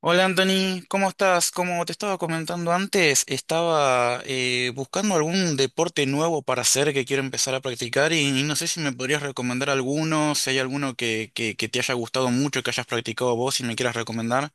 Hola Anthony, ¿cómo estás? Como te estaba comentando antes, estaba buscando algún deporte nuevo para hacer que quiero empezar a practicar y no sé si me podrías recomendar alguno, si hay alguno que te haya gustado mucho, que hayas practicado vos y me quieras recomendar.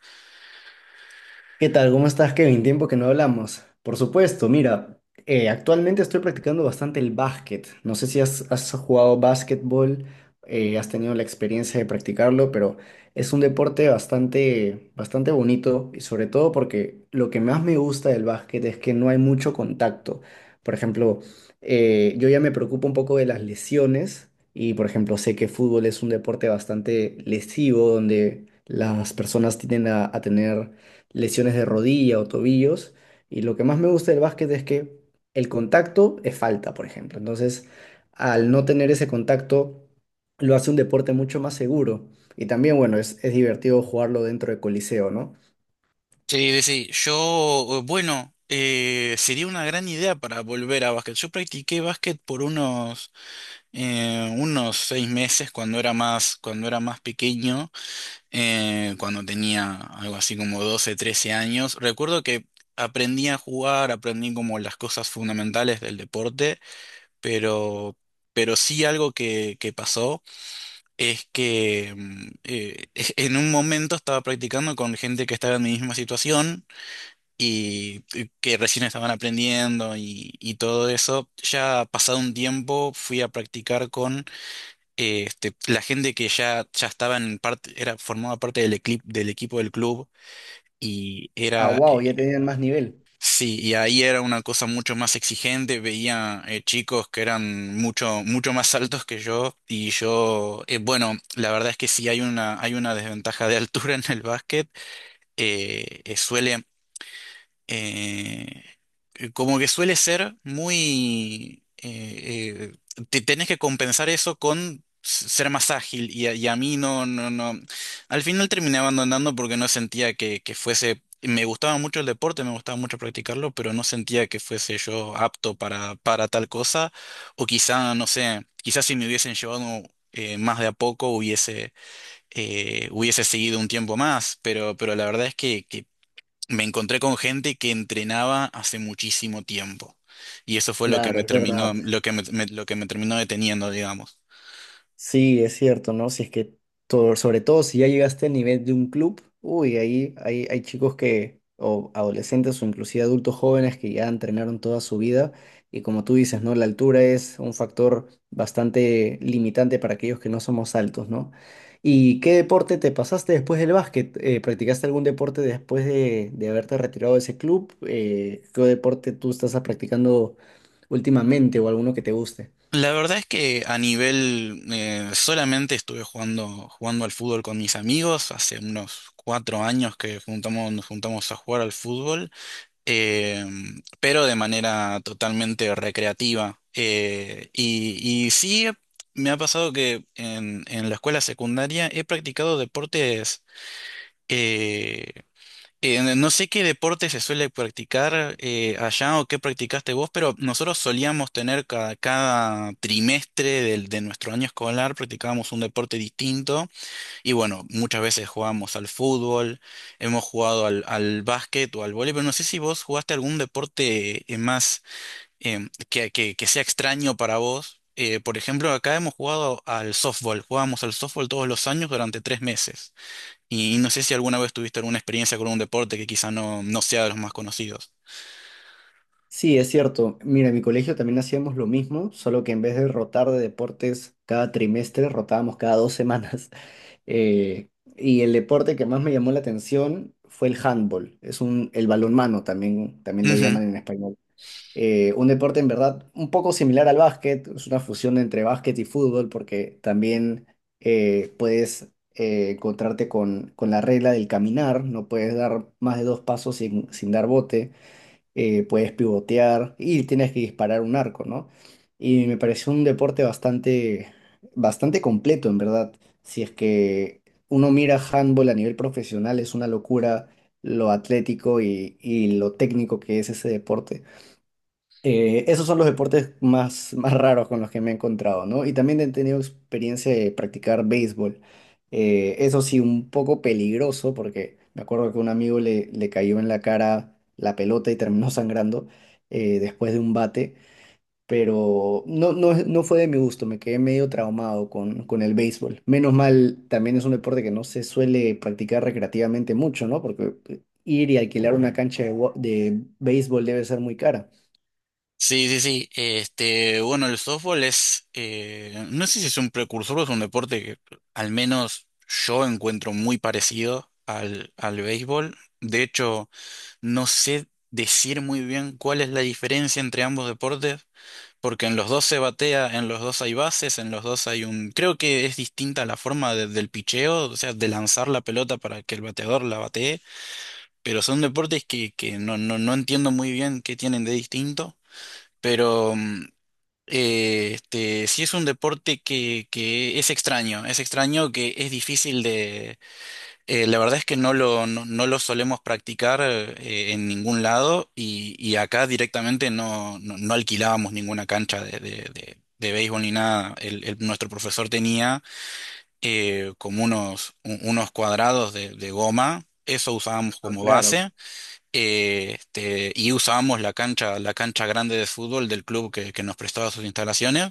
¿Qué tal? ¿Cómo estás, Kevin? Tiempo que no hablamos. Por supuesto, mira, actualmente estoy practicando bastante el básquet. No sé si has jugado básquetbol, has tenido la experiencia de practicarlo, pero es un deporte bastante bonito y sobre todo porque lo que más me gusta del básquet es que no hay mucho contacto. Por ejemplo, yo ya me preocupo un poco de las lesiones y, por ejemplo, sé que fútbol es un deporte bastante lesivo donde las personas tienden a tener lesiones de rodilla o tobillos. Y lo que más me gusta del básquet es que el contacto es falta, por ejemplo. Entonces, al no tener ese contacto, lo hace un deporte mucho más seguro. Y también, bueno, es divertido jugarlo dentro de Coliseo, ¿no? Sí, sí, bueno, sería una gran idea para volver a básquet. Yo practiqué básquet por unos 6 meses cuando era más pequeño. Cuando tenía algo así como 12 13 años. Recuerdo que aprendí a jugar, aprendí como las cosas fundamentales del deporte, pero, pero sí algo que pasó es que en un momento estaba practicando con gente que estaba en mi misma situación y que recién estaban aprendiendo y todo eso. Ya pasado un tiempo fui a practicar con la gente que ya estaba en parte, era, formaba parte del equipo del club y Ah, era, wow, eh, ya tenían más nivel. sí, y ahí era una cosa mucho más exigente, veía chicos que eran mucho, mucho más altos que yo bueno, la verdad es que sí hay una desventaja de altura en el básquet, suele eh, como que suele ser te tenés que compensar eso con s- ser más ágil y a mí no, no, no. Al final terminé abandonando porque no sentía que fuese. Me gustaba mucho el deporte, me gustaba mucho practicarlo, pero no sentía que fuese yo apto para tal cosa. O quizá, no sé, quizás si me hubiesen llevado más de a poco hubiese seguido un tiempo más, pero la verdad es que me encontré con gente que entrenaba hace muchísimo tiempo. Y eso fue lo que Claro, me es terminó, verdad. Lo que me terminó deteniendo, digamos. Sí, es cierto, ¿no? Si es que, todo, sobre todo si ya llegaste al nivel de un club, uy, hay chicos que, o adolescentes o inclusive adultos jóvenes que ya entrenaron toda su vida y como tú dices, ¿no? La altura es un factor bastante limitante para aquellos que no somos altos, ¿no? ¿Y qué deporte te pasaste después del básquet? ¿Practicaste algún deporte después de haberte retirado de ese club? ¿Qué deporte tú estás practicando últimamente o alguno que te guste? La verdad es que a nivel, solamente estuve jugando al fútbol con mis amigos. Hace unos 4 años que nos juntamos a jugar al fútbol, eh, pero de manera totalmente recreativa. Y sí, me ha pasado que en la escuela secundaria he practicado deportes. eh, no sé qué deporte se suele practicar allá o qué practicaste vos, pero nosotros solíamos tener cada trimestre de nuestro año escolar, practicábamos un deporte distinto y bueno, muchas veces jugábamos al fútbol, hemos jugado al básquet o al vóley, pero no sé si vos jugaste algún deporte más que sea extraño para vos. Por ejemplo, acá hemos jugado al softball, jugábamos al softball todos los años durante 3 meses. Y no sé si alguna vez tuviste alguna experiencia con un deporte que quizá no sea de los más conocidos. Sí, es cierto. Mira, en mi colegio también hacíamos lo mismo, solo que en vez de rotar de deportes cada trimestre, rotábamos cada dos semanas. Eh, y el deporte que más me llamó la atención fue el handball. El balonmano también, también lo Ujú. llaman en español. Un deporte en verdad un poco similar al básquet, es una fusión entre básquet y fútbol porque también puedes encontrarte con la regla del caminar, no puedes dar más de dos pasos sin, sin dar bote, puedes pivotear y tienes que disparar un arco, ¿no? Y me pareció un deporte bastante completo, en verdad. Si es que uno mira handball a nivel profesional, es una locura lo atlético y lo técnico que es ese deporte. Esos son los deportes más raros con los que me he encontrado, ¿no? Y también he tenido experiencia de practicar béisbol. Eso sí, un poco peligroso porque me acuerdo que un amigo le cayó en la cara la pelota y terminó sangrando, después de un bate, pero no, no fue de mi gusto, me quedé medio traumado con el béisbol. Menos mal, también es un deporte que no se suele practicar recreativamente mucho, ¿no? Porque ir y alquilar una cancha de, wa- de béisbol debe ser muy cara. Sí, sí, sí. Bueno, el softball es, no sé si es un precursor o es un deporte que al menos yo encuentro muy parecido al béisbol. De hecho, no sé decir muy bien cuál es la diferencia entre ambos deportes, porque en los dos se batea, en los dos hay bases, en los dos hay un... Creo que es distinta la forma del picheo, o sea, de lanzar la pelota para que el bateador la batee, pero son deportes que no, no, no entiendo muy bien qué tienen de distinto. Pero sí es un deporte que es extraño que es difícil de. La verdad es que no lo solemos practicar en ningún lado y acá directamente no, no, no alquilábamos ninguna cancha de béisbol ni nada. Nuestro profesor tenía como unos cuadrados de goma, eso usábamos Ah, como claro. base y usábamos la cancha, grande de fútbol del club que nos prestaba sus instalaciones.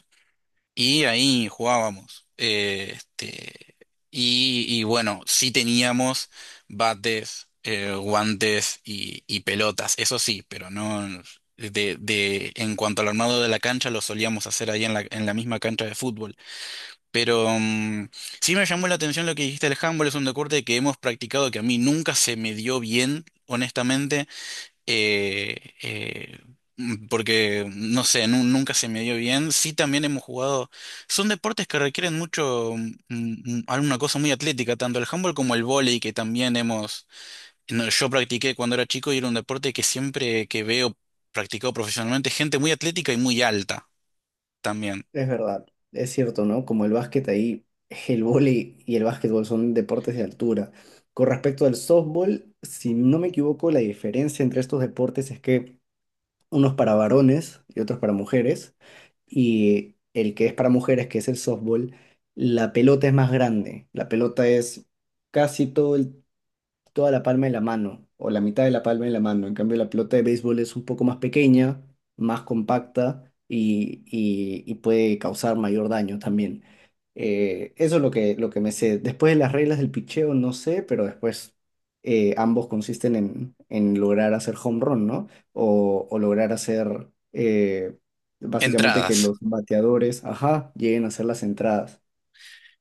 Y ahí jugábamos. Y bueno, sí teníamos bates, guantes y pelotas, eso sí, pero no de, de en cuanto al armado de la cancha lo solíamos hacer ahí en la misma cancha de fútbol. Pero sí me llamó la atención lo que dijiste, el handball es un deporte que hemos practicado que a mí nunca se me dio bien, honestamente. eh, eh, Porque, no sé, nunca se me dio bien. Sí, también hemos jugado. Son deportes que requieren mucho, alguna cosa muy atlética, tanto el handball como el vóley, que también hemos. No, yo practiqué cuando era chico y era un deporte que siempre que veo practicado profesionalmente, gente muy atlética y muy alta también. Es verdad, es cierto, ¿no? Como el básquet ahí, el vóley y el básquetbol son deportes de altura. Con respecto al softball, si no me equivoco, la diferencia entre estos deportes es que unos para varones y otros para mujeres, y el que es para mujeres, que es el softball, la pelota es más grande. La pelota es casi todo el toda la palma de la mano o la mitad de la palma de la mano. En cambio, la pelota de béisbol es un poco más pequeña, más compacta y puede causar mayor daño también. Eso es lo que me sé. Después de las reglas del pitcheo, no sé, pero después ambos consisten en lograr hacer home run, ¿no? O lograr hacer, básicamente que Entradas. los bateadores, ajá, lleguen a hacer las entradas.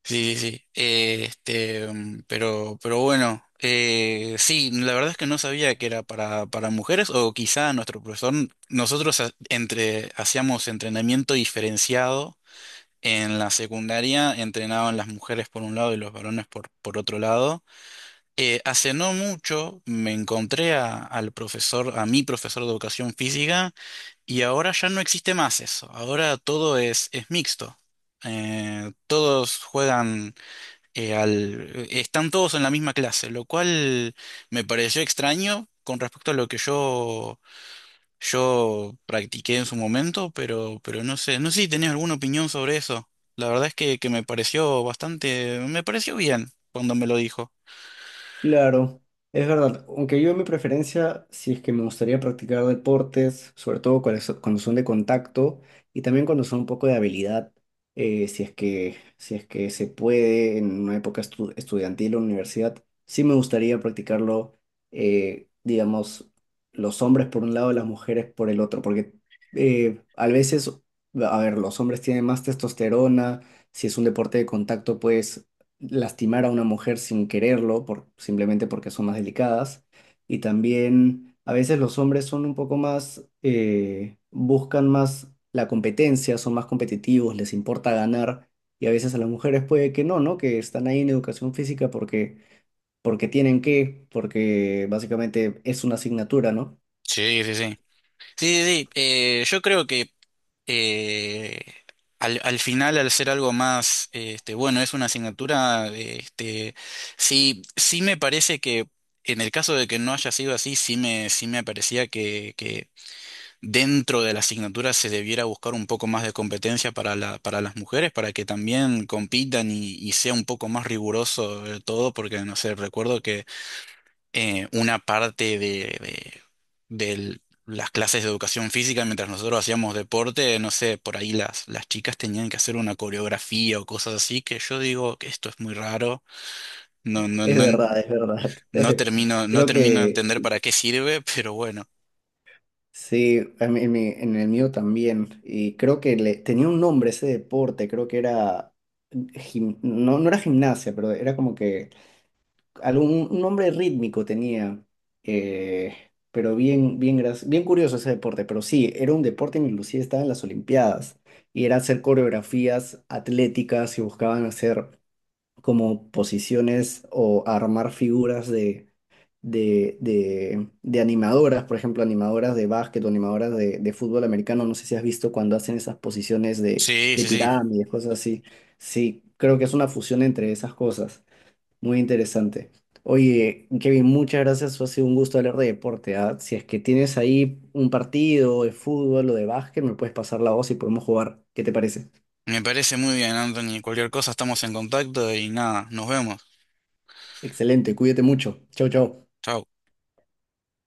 Sí, sí, sí. Pero bueno, sí, la verdad es que no sabía que era para, mujeres, o quizá nuestro profesor, nosotros hacíamos entrenamiento diferenciado en la secundaria, entrenaban las mujeres por un lado y los varones por otro lado. Hace no mucho me encontré al profesor, a mi profesor de educación física, y ahora ya no existe más eso, ahora todo es mixto. Todos juegan están todos en la misma clase, lo cual me pareció extraño con respecto a lo que yo practiqué en su momento, pero no sé si tenés alguna opinión sobre eso. La verdad es que me pareció bien cuando me lo dijo. Claro, es verdad. Aunque yo mi preferencia, si es que me gustaría practicar deportes, sobre todo cuando cuando son de contacto y también cuando son un poco de habilidad, si es que, si es que se puede en una época estudiantil o universidad, sí me gustaría practicarlo, digamos, los hombres por un lado, las mujeres por el otro, porque a veces, a ver, los hombres tienen más testosterona, si es un deporte de contacto, pues lastimar a una mujer sin quererlo, por, simplemente porque son más delicadas. Y también a veces los hombres son un poco más, buscan más la competencia, son más competitivos, les importa ganar. Y a veces a las mujeres puede que no, ¿no? Que están ahí en educación física porque, porque tienen que, porque básicamente es una asignatura, ¿no? Sí, sí, sí. Sí, sí, sí. Yo creo que eh, al, al final, al ser algo más, bueno, es una asignatura, sí, sí me parece que en el caso de que no haya sido así, sí me parecía que dentro de la asignatura se debiera buscar un poco más de competencia para para las mujeres, para que también compitan y sea un poco más riguroso todo, porque no sé, recuerdo una parte de las clases de educación física, mientras nosotros hacíamos deporte, no sé, por ahí las chicas tenían que hacer una coreografía o cosas así, que yo digo que esto es muy raro, no, no, Es no, verdad, es verdad. no termino, no Creo termino de que entender para qué sirve, pero bueno. sí, a mí- en, mi- en el mío también. Y creo que tenía un nombre ese deporte, creo que era, no, no era gimnasia, pero era como que algún un nombre rítmico tenía. eh, pero bien, bien curioso ese deporte. Pero sí, era un deporte en inclusive estaba en las Olimpiadas. Y era hacer coreografías atléticas y buscaban hacer como posiciones o armar figuras de animadoras, por ejemplo, animadoras de básquet o animadoras de fútbol americano. No sé si has visto cuando hacen esas posiciones Sí, de sí, sí. pirámides, cosas así. Sí, creo que es una fusión entre esas cosas. Muy interesante. Oye, Kevin, muchas gracias. Ha sido un gusto hablar de deporte. ¿Ah? Si es que tienes ahí un partido de fútbol o de básquet, me puedes pasar la voz y podemos jugar. ¿Qué te parece? Me parece muy bien, Anthony. Cualquier cosa estamos en contacto y nada, nos vemos. Excelente, cuídate mucho. Chau, chau. Chao.